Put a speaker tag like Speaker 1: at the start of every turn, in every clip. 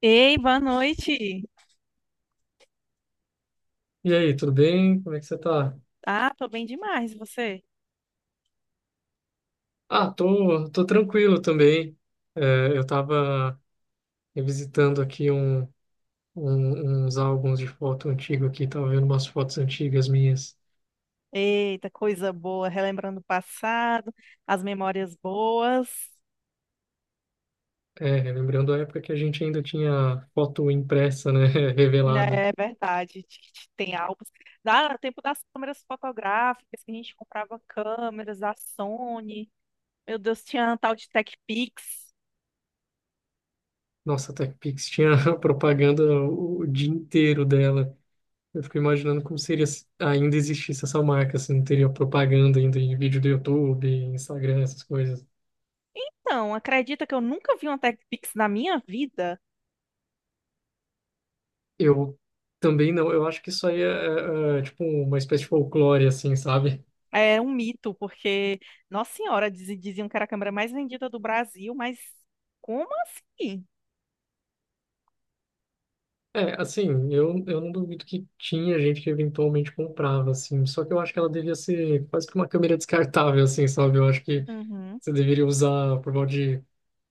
Speaker 1: Ei, boa noite.
Speaker 2: E aí, tudo bem? Como é que você tá?
Speaker 1: Ah, tô bem demais, e você?
Speaker 2: Ah, tô tranquilo também. É, eu tava revisitando aqui uns álbuns de foto antigo aqui, tava vendo umas fotos antigas minhas.
Speaker 1: Eita, coisa boa, relembrando o passado, as memórias boas.
Speaker 2: É, lembrando a época que a gente ainda tinha foto impressa, né?
Speaker 1: Né,
Speaker 2: Revelada.
Speaker 1: é verdade, tem álbuns. Dá no tempo das câmeras fotográficas, que a gente comprava câmeras da Sony. Meu Deus, tinha um tal de TechPix.
Speaker 2: Nossa, a TechPix tinha propaganda o dia inteiro dela. Eu fico imaginando como seria se ainda existisse essa marca, se não teria propaganda ainda em vídeo do YouTube, Instagram, essas coisas.
Speaker 1: Não, acredita que eu nunca vi uma TechPix na minha vida?
Speaker 2: Eu também não, eu acho que isso aí é tipo uma espécie de folclore, assim, sabe?
Speaker 1: É um mito, porque, nossa senhora, diziam que era a câmera mais vendida do Brasil, mas como assim?
Speaker 2: É, assim, eu não duvido que tinha gente que eventualmente comprava, assim, só que eu acho que ela devia ser quase que uma câmera descartável, assim, sabe? Eu acho que
Speaker 1: Uhum.
Speaker 2: você deveria usar por volta de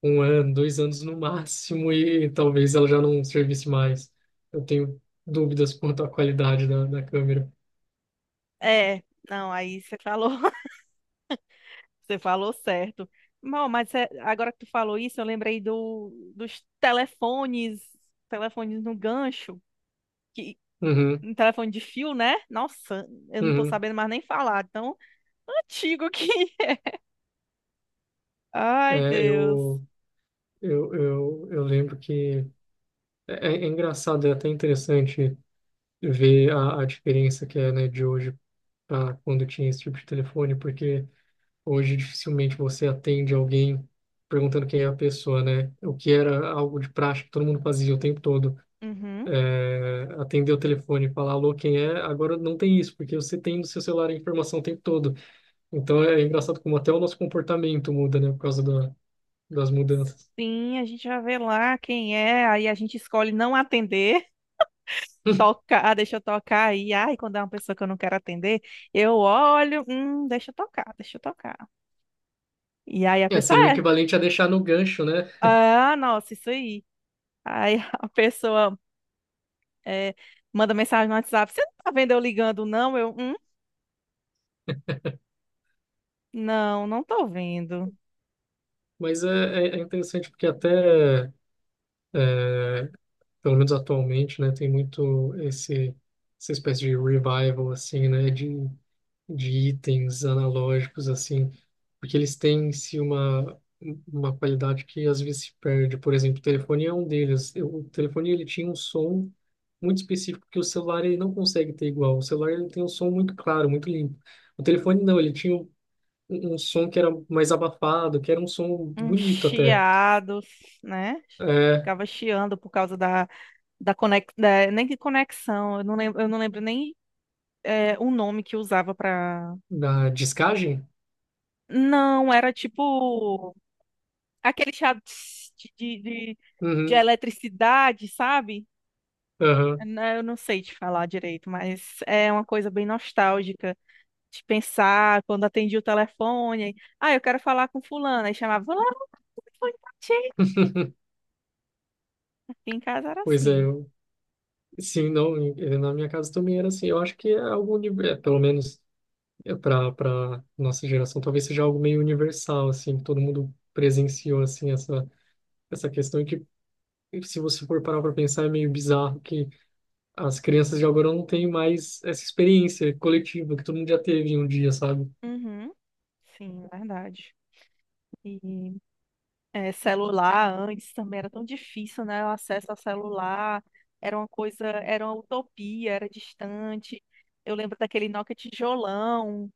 Speaker 2: um ano, dois anos no máximo e talvez ela já não servisse mais. Eu tenho dúvidas quanto à qualidade da, da câmera.
Speaker 1: É, não, aí você falou, você falou certo. Bom, mas agora que tu falou isso, eu lembrei dos telefones no gancho, que
Speaker 2: Uhum,
Speaker 1: um telefone de fio, né? Nossa, eu não tô
Speaker 2: uhum.
Speaker 1: sabendo mais nem falar, tão antigo que. Ai,
Speaker 2: É,
Speaker 1: Deus.
Speaker 2: eu lembro que. É, engraçado, é até interessante ver a diferença que é, né, de hoje para quando tinha esse tipo de telefone, porque hoje dificilmente você atende alguém perguntando quem é a pessoa, né? O que era algo de prática que todo mundo fazia o tempo todo.
Speaker 1: Uhum.
Speaker 2: É, atender o telefone e falar alô, quem é, agora não tem isso, porque você tem no seu celular a informação o tempo todo. Então é engraçado como até o nosso comportamento muda, né, por causa da, das mudanças.
Speaker 1: Sim, a gente já vê lá quem é, aí a gente escolhe não atender, toca ah deixa eu tocar aí. Ai, quando é uma pessoa que eu não quero atender, eu olho, deixa eu tocar, deixa eu tocar. E aí a
Speaker 2: É,
Speaker 1: pessoa
Speaker 2: seria o equivalente a deixar no gancho, né?
Speaker 1: ah, nossa, isso aí. Aí a pessoa é, manda mensagem no WhatsApp: você não tá vendo eu ligando, não? Não, não tô vendo.
Speaker 2: Mas é interessante porque até. É, pelo menos atualmente, né, tem muito esse, essa espécie de revival, assim, né, de itens analógicos, assim, porque eles têm em si uma qualidade que às vezes se perde. Por exemplo, o telefone é um deles. Eu- O telefone, ele tinha um som muito específico que o celular, ele não consegue ter igual. O celular, ele tem um som muito claro, muito limpo. O telefone, não, ele tinha um, um som que era mais abafado, que era um som
Speaker 1: Um
Speaker 2: bonito até.
Speaker 1: chiado, né?
Speaker 2: É,
Speaker 1: Ficava chiando por causa da conexão, nem que conexão, eu não lembro nem o nome que usava pra.
Speaker 2: da discagem?
Speaker 1: Não, era tipo aquele chiado tss, de, de, de de
Speaker 2: Uhum.
Speaker 1: eletricidade, sabe?
Speaker 2: Aham.
Speaker 1: Né, eu não sei te falar direito, mas é uma coisa bem nostálgica de pensar quando atendia o telefone. Ah, eu quero falar com fulano. Aí chamava, fulano, o telefone tá cheio. Aqui em casa era
Speaker 2: Pois é,
Speaker 1: assim.
Speaker 2: eu, sim, não, e na minha casa também era assim. Eu acho que é algo, uni- é, pelo menos para nossa geração, talvez seja algo meio universal, assim, que todo mundo presenciou, assim, essa questão e que, se você for parar para pensar, é meio bizarro que as crianças de agora não têm mais essa experiência coletiva que todo mundo já teve em um dia, sabe?
Speaker 1: Uhum. Sim, verdade. E celular antes também era tão difícil, né? O acesso ao celular era uma coisa, era uma utopia, era distante. Eu lembro daquele Nokia tijolão,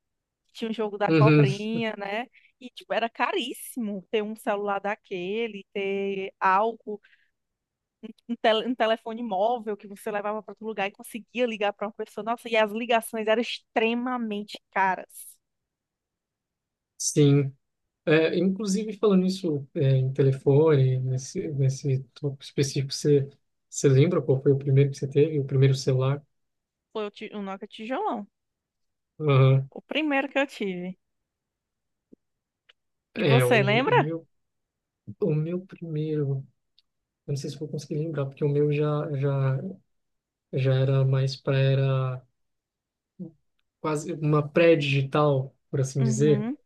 Speaker 1: que tinha um jogo da
Speaker 2: Uhum,
Speaker 1: cobrinha, né? E tipo, era caríssimo ter um celular daquele, ter algo. Um telefone móvel que você levava para outro lugar e conseguia ligar para uma pessoa. Nossa, e as ligações eram extremamente caras.
Speaker 2: sim. É, inclusive, falando nisso, é, em telefone, nesse, nesse tópico específico, você, você lembra qual foi o primeiro que você teve? O primeiro celular?
Speaker 1: Foi o Nokia tijolão.
Speaker 2: Aham.
Speaker 1: O primeiro que eu tive. E
Speaker 2: É,
Speaker 1: você lembra?
Speaker 2: o meu primeiro, eu não sei se eu vou conseguir lembrar, porque o meu já era mais para, era quase uma pré-digital, por assim dizer.
Speaker 1: Uhum.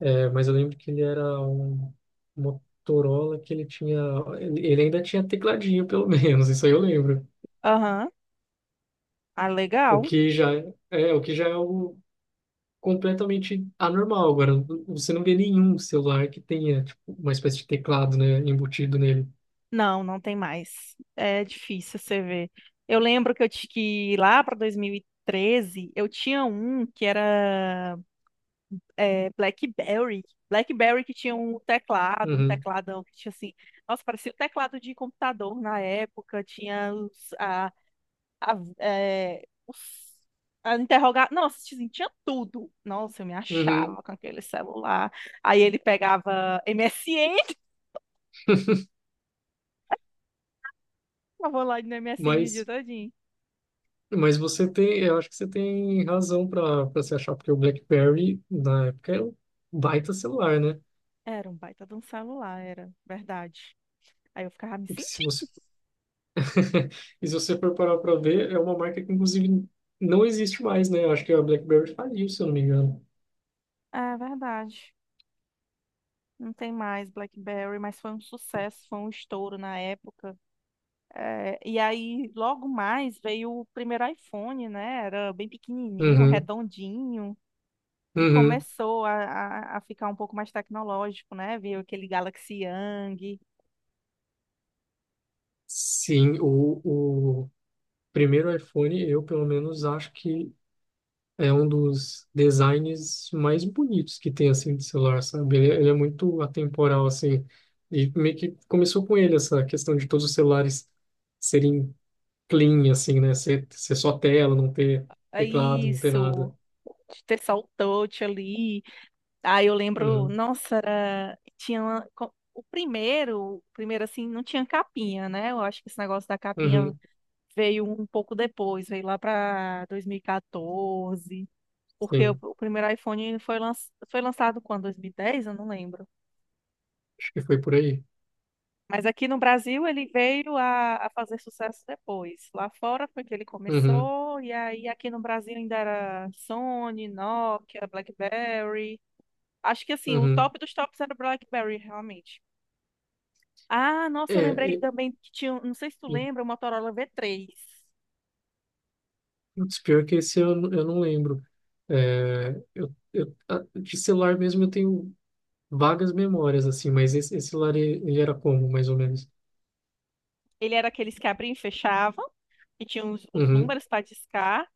Speaker 2: É, mas eu lembro que ele era um Motorola que ele tinha, ele ainda tinha tecladinho, pelo menos, isso aí eu lembro.
Speaker 1: Aham. Ah,
Speaker 2: O
Speaker 1: legal.
Speaker 2: que já é, o que já é algo completamente anormal. Agora, você não vê nenhum celular que tenha, tipo, uma espécie de teclado, né, embutido nele.
Speaker 1: Não, não tem mais. É difícil você ver. Eu lembro que que lá para 2013 eu tinha um que era BlackBerry. BlackBerry que tinha um teclado, um
Speaker 2: Uhum,
Speaker 1: tecladão que tinha assim. Nossa, parecia o teclado de computador na época. Tinha os, a, é, os, a interrogar. Nossa, assim, tinha tudo. Nossa, eu me
Speaker 2: uhum.
Speaker 1: achava com aquele celular. Aí ele pegava MSN, eu vou lá no MSN o dia
Speaker 2: Mas,
Speaker 1: todinho.
Speaker 2: mas você tem, eu acho que você tem razão para se achar, porque o BlackBerry, na época, era um baita celular, né?
Speaker 1: Era um baita de um celular, era verdade. Aí eu ficava me
Speaker 2: E que se você,
Speaker 1: sentindo.
Speaker 2: e se você for parar para ver, é uma marca que, inclusive, não existe mais, né? Eu acho que a BlackBerry faliu, se eu não me engano.
Speaker 1: É verdade. Não tem mais BlackBerry, mas foi um sucesso, foi um estouro na época. É, e aí, logo mais, veio o primeiro iPhone, né? Era bem pequenininho,
Speaker 2: Uhum,
Speaker 1: redondinho, e
Speaker 2: uhum.
Speaker 1: começou a ficar um pouco mais tecnológico, né? Veio aquele Galaxy Young,
Speaker 2: Sim, o primeiro iPhone, eu pelo menos acho que é um dos designs mais bonitos que tem, assim, de celular, sabe? Ele é muito atemporal, assim. E meio que começou com ele essa questão de todos os celulares serem clean, assim, né? Ser, ser só tela, não ter
Speaker 1: é
Speaker 2: teclado, não ter
Speaker 1: isso,
Speaker 2: nada.
Speaker 1: ter só o touch ali. Aí eu lembro,
Speaker 2: Uhum,
Speaker 1: nossa, tinha o primeiro assim, não tinha capinha, né? Eu acho que esse negócio da capinha
Speaker 2: uhum,
Speaker 1: veio um pouco depois, veio lá para 2014. Porque o,
Speaker 2: sim.
Speaker 1: o primeiro iPhone ele foi lançado quando? 2010? Eu não lembro.
Speaker 2: Acho que foi por aí.
Speaker 1: Mas aqui no Brasil ele veio a fazer sucesso depois. Lá fora foi que ele
Speaker 2: Uhum,
Speaker 1: começou, e aí aqui no Brasil ainda era Sony, Nokia, BlackBerry. Acho que assim, o
Speaker 2: uhum.
Speaker 1: top dos tops era o BlackBerry, realmente. Ah,
Speaker 2: É,
Speaker 1: nossa, eu lembrei
Speaker 2: é,
Speaker 1: também que tinha, não sei se tu lembra, o Motorola V3.
Speaker 2: putz, pior que esse eu não lembro. É, eu, a- de celular mesmo eu tenho vagas memórias, assim, mas esse celular, ele era como, mais ou menos?
Speaker 1: Ele era aqueles que abriam e fechavam, e tinha os
Speaker 2: Uhum,
Speaker 1: números para discar.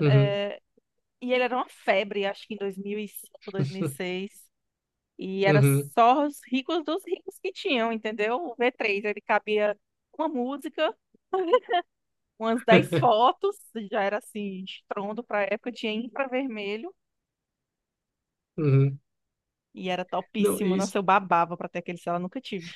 Speaker 2: uhum,
Speaker 1: E ele era uma febre, acho que em 2005, dois mil e seis. E era
Speaker 2: uhum,
Speaker 1: só os ricos dos ricos que tinham, entendeu? O V3 ele cabia uma música, umas 10 fotos, já era assim, estrondo pra época, tinha infravermelho
Speaker 2: uhum.
Speaker 1: e era
Speaker 2: Não,
Speaker 1: topíssimo.
Speaker 2: isso,
Speaker 1: Nossa, eu babava pra ter aquele celular, nunca tive.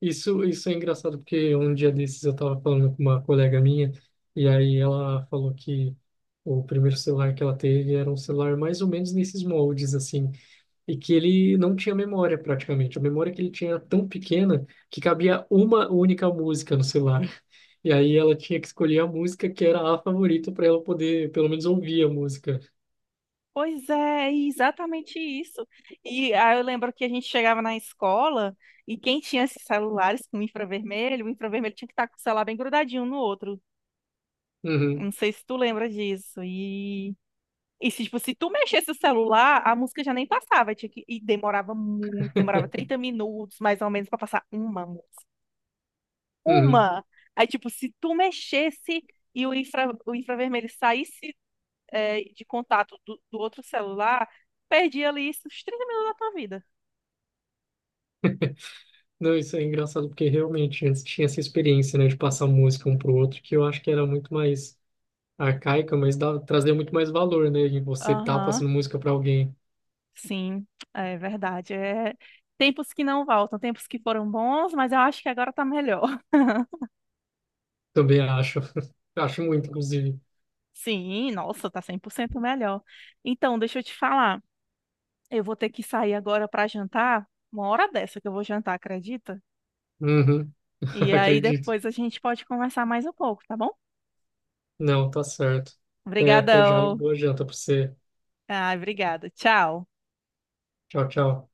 Speaker 2: isso, isso é engraçado porque um dia desses eu estava falando com uma colega minha e aí ela falou que o primeiro celular que ela teve era um celular mais ou menos nesses moldes assim e que ele não tinha memória praticamente. A memória que ele tinha era tão pequena que cabia uma única música no celular. E aí ela tinha que escolher a música que era a favorita para ela poder pelo menos ouvir a música.
Speaker 1: Pois é, exatamente isso. E aí eu lembro que a gente chegava na escola e quem tinha esses celulares com infravermelho, o infravermelho tinha que estar com o celular bem grudadinho um no outro.
Speaker 2: Uhum,
Speaker 1: Não sei se tu lembra disso. E se, tipo, se tu mexesse o celular, a música já nem passava. Tinha que... E demorava muito, demorava 30 minutos, mais ou menos, pra passar uma música.
Speaker 2: uhum.
Speaker 1: Uma! Aí, tipo, se tu mexesse e o o infravermelho saísse, de contato do outro celular, perdia ali os 30 minutos da tua vida.
Speaker 2: Não, isso é engraçado porque realmente antes tinha essa experiência, né, de passar música um pro outro, que eu acho que era muito mais arcaica, mas dava, trazia muito mais valor, né, e você tá
Speaker 1: Aham,
Speaker 2: passando música para alguém.
Speaker 1: sim, é verdade. É... Tempos que não voltam, tempos que foram bons, mas eu acho que agora tá melhor.
Speaker 2: Também acho. Acho muito, inclusive.
Speaker 1: Sim, nossa, tá 100% melhor. Então, deixa eu te falar. Eu vou ter que sair agora para jantar, uma hora dessa que eu vou jantar, acredita?
Speaker 2: Uhum.
Speaker 1: E aí
Speaker 2: Acredito.
Speaker 1: depois a gente pode conversar mais um pouco, tá bom?
Speaker 2: Não, tá certo. Até, até já e
Speaker 1: Obrigadão.
Speaker 2: boa janta para você.
Speaker 1: Ah, obrigada. Tchau.
Speaker 2: Tchau, tchau.